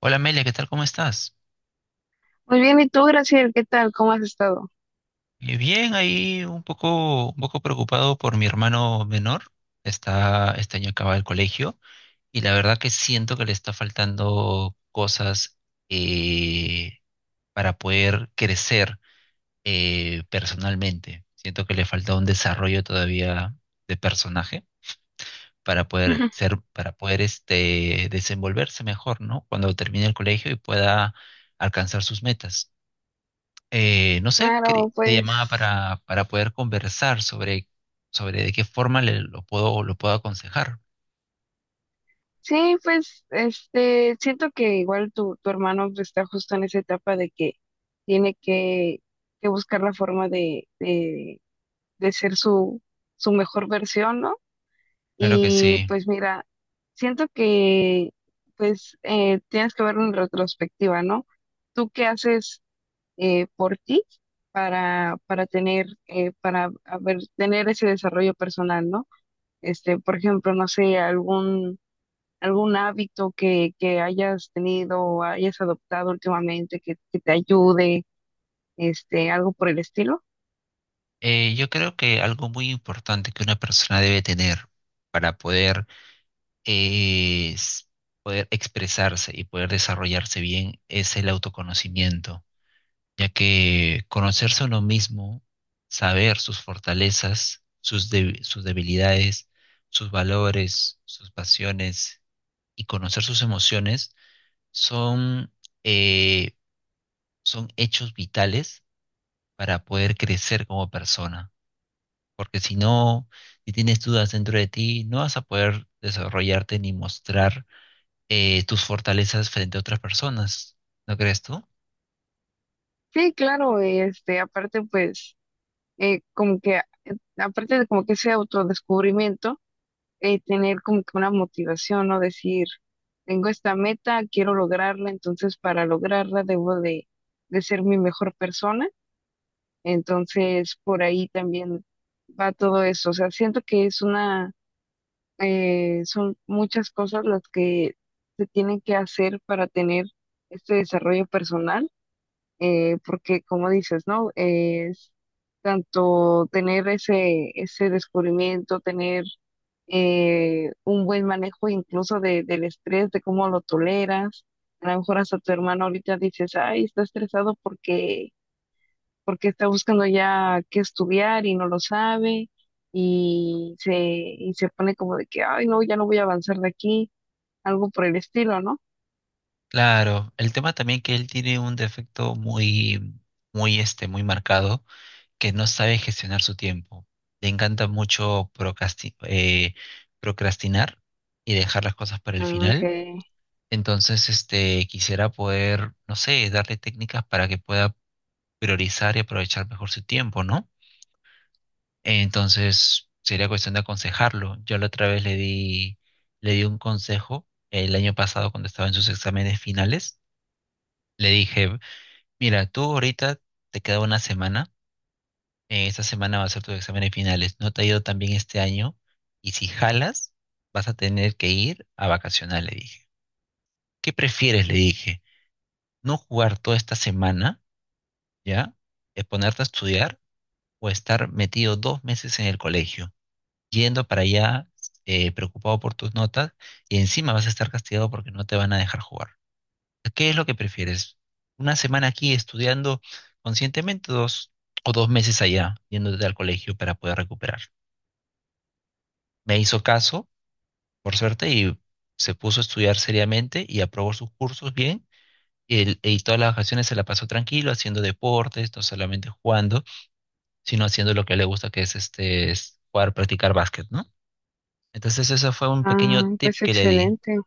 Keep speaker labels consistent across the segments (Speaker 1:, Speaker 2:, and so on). Speaker 1: Hola Amelia, ¿qué tal? ¿Cómo estás?
Speaker 2: Muy bien, ¿y tú, Graciel? ¿Qué tal? ¿Cómo has estado?
Speaker 1: Bien, ahí un poco preocupado por mi hermano menor. Está, este año acaba el colegio y la verdad que siento que le está faltando cosas eh, para poder crecer personalmente. Siento que le falta un desarrollo todavía de personaje para poder ser, para poder desenvolverse mejor, ¿no? Cuando termine el colegio y pueda alcanzar sus metas. No sé,
Speaker 2: Claro,
Speaker 1: te llamaba
Speaker 2: pues
Speaker 1: para poder conversar sobre, sobre de qué forma lo puedo aconsejar.
Speaker 2: sí, pues siento que igual tu hermano pues, está justo en esa etapa de que tiene que, que buscar la forma de ser su mejor versión, ¿no?
Speaker 1: Claro que
Speaker 2: Y
Speaker 1: sí.
Speaker 2: pues mira, siento que pues tienes que ver en retrospectiva, ¿no? ¿Tú qué haces por ti para tener, tener ese desarrollo personal, ¿no? Este, por ejemplo, no sé, algún hábito que hayas tenido o hayas adoptado últimamente que te ayude, este, algo por el estilo.
Speaker 1: Yo creo que algo muy importante que una persona debe tener para poder, eh, s- poder expresarse y poder desarrollarse bien es el autoconocimiento, ya que conocerse a uno mismo, saber sus fortalezas, sus debilidades, sus valores, sus pasiones y conocer sus emociones son, eh, son hechos vitales para poder crecer como persona. Porque si no, si tienes dudas dentro de ti, no vas a poder desarrollarte ni mostrar tus fortalezas frente a otras personas. ¿No crees tú?
Speaker 2: Sí, claro, este, aparte, pues, eh, como que, eh, aparte de como que ese autodescubrimiento, tener como que una motivación, ¿no? Decir, tengo esta meta, quiero lograrla, entonces para lograrla de ser mi mejor persona. Entonces por ahí también va todo eso. O sea, siento que es una, son muchas cosas las que se tienen que hacer para tener este desarrollo personal, porque como dices, ¿no? Es tanto tener ese descubrimiento, tener un buen manejo incluso de, del estrés, de cómo lo toleras. A lo mejor hasta tu hermano ahorita dices, ay, está estresado porque está buscando ya qué estudiar y no lo sabe y se pone como de que, ay, no, ya no voy a avanzar de aquí, algo por el estilo, ¿no?
Speaker 1: Claro, el tema también que él tiene un defecto muy, muy muy marcado, que no sabe gestionar su tiempo. Le encanta mucho procrastinar y dejar las cosas para el
Speaker 2: Ah, ok.
Speaker 1: final. Entonces, este, quisiera poder, no sé, darle técnicas para que pueda priorizar y aprovechar mejor su tiempo, ¿no? Entonces, sería cuestión de aconsejarlo. Yo la otra vez le di un consejo el año pasado cuando estaba en sus exámenes finales. Le dije, mira, tú ahorita te queda una semana, esta semana va a ser tus exámenes finales, no te ha ido tan bien este año y si jalas, vas a tener que ir a vacacionar, le dije. ¿Qué prefieres? Le dije, no jugar toda esta semana, ¿ya? Es ponerte a estudiar o estar metido dos meses en el colegio, yendo para allá preocupado por tus notas y encima vas a estar castigado porque no te van a dejar jugar. ¿Qué es lo que prefieres? ¿Una semana aquí estudiando conscientemente dos, o dos meses allá yéndote al colegio para poder recuperar? Me hizo caso, por suerte, y se puso a estudiar seriamente y aprobó sus cursos bien. Y, y todas las vacaciones se la pasó tranquilo, haciendo deportes, no solamente jugando, sino haciendo lo que le gusta, que es jugar, practicar básquet, ¿no? Entonces ese fue un pequeño
Speaker 2: Ah,
Speaker 1: tip
Speaker 2: pues
Speaker 1: que le di,
Speaker 2: excelente.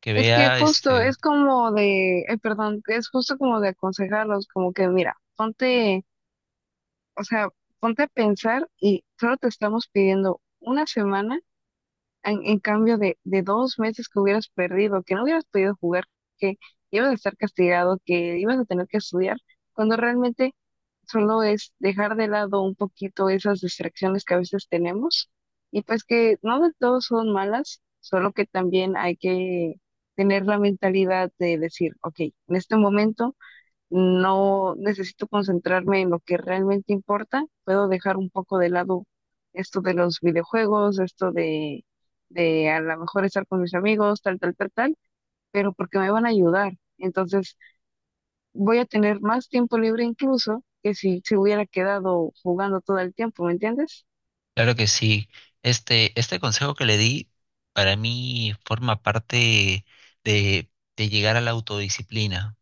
Speaker 1: que
Speaker 2: Es que
Speaker 1: vea,
Speaker 2: justo
Speaker 1: este,
Speaker 2: es como de, ay, perdón, es justo como de aconsejarlos, como que mira, ponte, o sea, ponte a pensar y solo te estamos pidiendo una semana. En cambio de dos meses que hubieras perdido, que no hubieras podido jugar, que ibas a estar castigado, que ibas a tener que estudiar, cuando realmente solo es dejar de lado un poquito esas distracciones que a veces tenemos, y pues que no de todo son malas, solo que también hay que tener la mentalidad de decir, ok, en este momento no necesito concentrarme en lo que realmente importa, puedo dejar un poco de lado esto de los videojuegos, esto de a lo mejor estar con mis amigos, tal, tal, tal, tal, pero porque me van a ayudar. Entonces voy a tener más tiempo libre incluso que si se hubiera quedado jugando todo el tiempo, ¿me entiendes?
Speaker 1: claro que sí, este consejo que le di para mí forma parte de, de llegar a la autodisciplina,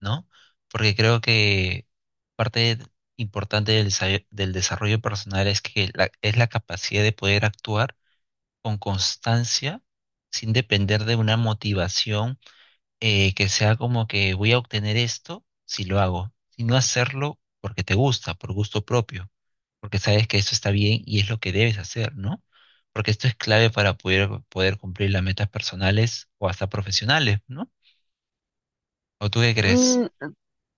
Speaker 1: ¿no? Porque creo que parte importante del desarrollo personal es que es la capacidad de poder actuar con constancia sin depender de una motivación que sea como que voy a obtener esto si lo hago, sino hacerlo porque te gusta, por gusto propio, porque sabes que eso está bien y es lo que debes hacer, ¿no? Porque esto es clave para poder, poder cumplir las metas personales o hasta profesionales, ¿no? ¿O tú qué crees?
Speaker 2: Mm,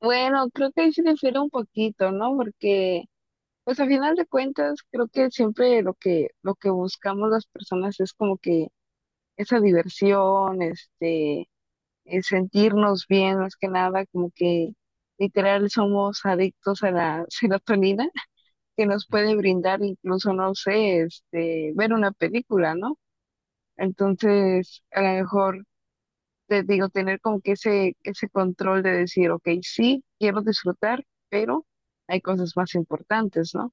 Speaker 2: bueno, creo que ahí se difiere un poquito, ¿no? Porque pues a final de cuentas, creo que siempre lo que buscamos las personas es como que esa diversión, sentirnos bien más que nada, como que literal somos adictos a la serotonina que nos puede brindar incluso, no sé, este, ver una película, ¿no? Entonces, a lo mejor te digo, tener como que ese control de decir, ok, sí, quiero disfrutar, pero hay cosas más importantes, ¿no?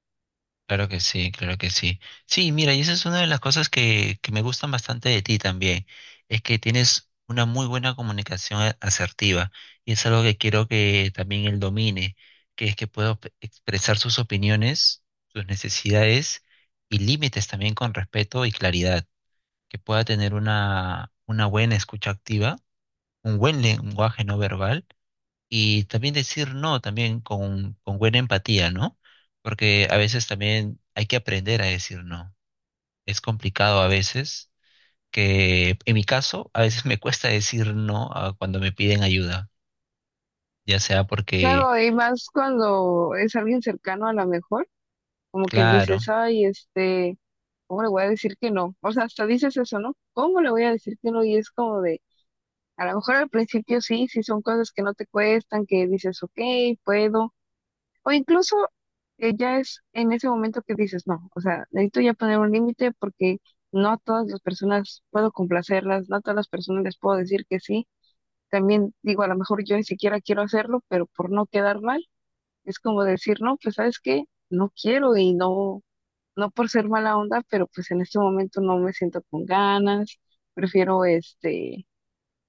Speaker 1: Claro que sí, claro que sí. Sí, mira, y esa es una de las cosas que me gustan bastante de ti también, es que tienes una muy buena comunicación asertiva y es algo que quiero que también él domine, que es que pueda expresar sus opiniones, sus necesidades y límites también con respeto y claridad, que pueda tener una buena escucha activa, un buen lenguaje no verbal y también decir no, también con buena empatía, ¿no? Porque a veces también hay que aprender a decir no. Es complicado a veces, que en mi caso, a veces me cuesta decir no a cuando me piden ayuda, ya sea porque,
Speaker 2: Claro, y más cuando es alguien cercano a lo mejor, como que
Speaker 1: claro,
Speaker 2: dices, ay, este, ¿cómo le voy a decir que no? O sea, hasta dices eso, ¿no? ¿Cómo le voy a decir que no? Y es como de, a lo mejor al principio sí, sí son cosas que no te cuestan, que dices, ok, puedo, o incluso ya es en ese momento que dices, no, o sea, necesito ya poner un límite porque no a todas las personas puedo complacerlas, no a todas las personas les puedo decir que sí. También digo, a lo mejor yo ni siquiera quiero hacerlo, pero por no quedar mal, es como decir, no, pues sabes qué, no quiero y no por ser mala onda, pero pues en este momento no me siento con ganas, prefiero este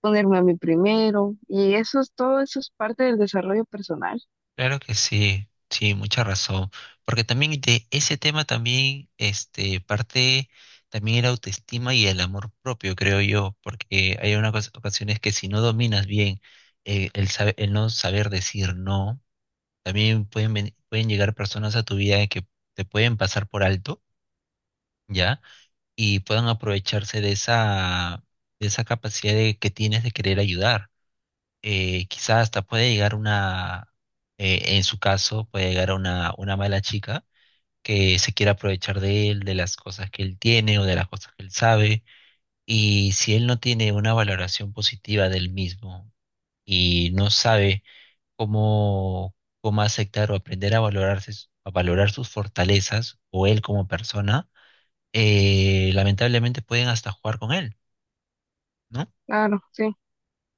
Speaker 2: ponerme a mí primero y eso es todo, eso es parte del desarrollo personal.
Speaker 1: claro que sí, sí, mucha razón. Porque también de ese tema también, este, parte también la autoestima y el amor propio, creo yo, porque hay unas ocasiones que si no dominas bien el no saber decir no, también pueden, pueden llegar personas a tu vida que te pueden pasar por alto, ¿ya? Y puedan aprovecharse de esa capacidad de, que tienes de querer ayudar quizás hasta puede llegar una, en su caso, puede llegar a una mala chica que se quiera aprovechar de él, de las cosas que él tiene o de las cosas que él sabe. Y si él no tiene una valoración positiva del mismo y no sabe cómo, cómo aceptar o aprender a valorarse, a valorar sus fortalezas o él como persona, lamentablemente pueden hasta jugar con él, ¿no?
Speaker 2: Claro, sí,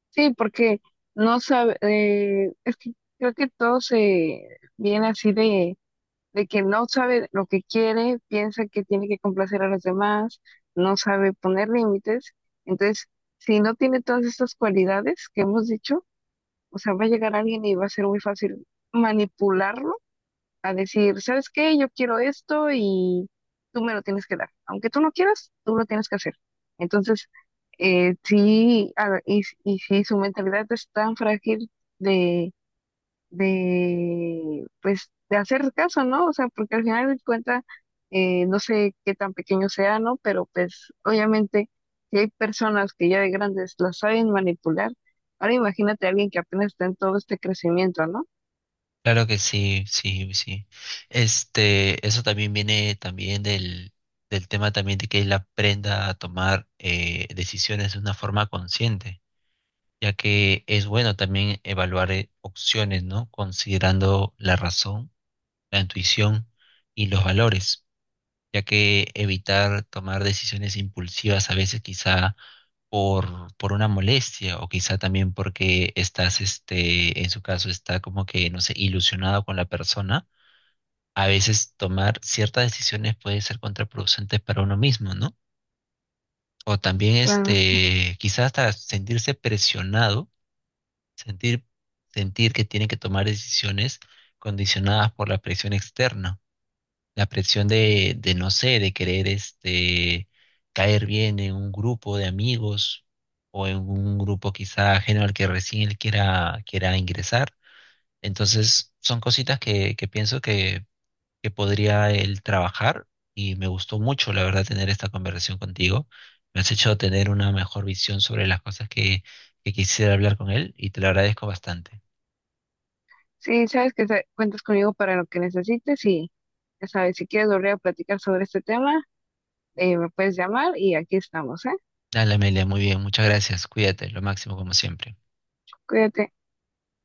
Speaker 2: sí, porque no sabe, es que creo que todo se viene así de que no sabe lo que quiere, piensa que tiene que complacer a los demás, no sabe poner límites. Entonces si no tiene todas estas cualidades que hemos dicho, o sea, va a llegar alguien y va a ser muy fácil manipularlo, a decir, ¿sabes qué? Yo quiero esto y tú me lo tienes que dar. Aunque tú no quieras, tú lo tienes que hacer. Entonces, y sí, su mentalidad es tan frágil de, pues, de hacer caso, ¿no? O sea, porque al final de cuentas, no sé qué tan pequeño sea, ¿no? Pero pues, obviamente, si hay personas que ya de grandes las saben manipular, ahora imagínate a alguien que apenas está en todo este crecimiento, ¿no?
Speaker 1: Claro que sí, sí, sí. Este, eso también viene también del, del tema también de que él aprenda a tomar decisiones de una forma consciente, ya que es bueno también evaluar opciones, ¿no? Considerando la razón, la intuición y los valores, ya que evitar tomar decisiones impulsivas a veces quizá por una molestia o quizá también porque estás, este, en su caso, está como que, no sé, ilusionado con la persona a veces tomar ciertas decisiones puede ser contraproducente para uno mismo, ¿no? O también
Speaker 2: Claro,
Speaker 1: este, quizás hasta sentirse presionado, sentir, sentir que tiene que tomar decisiones condicionadas por la presión externa, la presión de no sé, de querer este, caer bien en un grupo de amigos o en un grupo quizá ajeno al que recién él quiera, quiera ingresar. Entonces, son cositas que, pienso que podría él trabajar y me gustó mucho, la verdad, tener esta conversación contigo. Me has hecho tener una mejor visión sobre las cosas que quisiera hablar con él y te lo agradezco bastante.
Speaker 2: sí, sabes que cuentas conmigo para lo que necesites, y ya sabes, si quieres volver a platicar sobre este tema, me puedes llamar y aquí estamos, ¿eh?
Speaker 1: Dale, Amelia, muy bien, muchas gracias. Cuídate, lo máximo como siempre.
Speaker 2: Cuídate.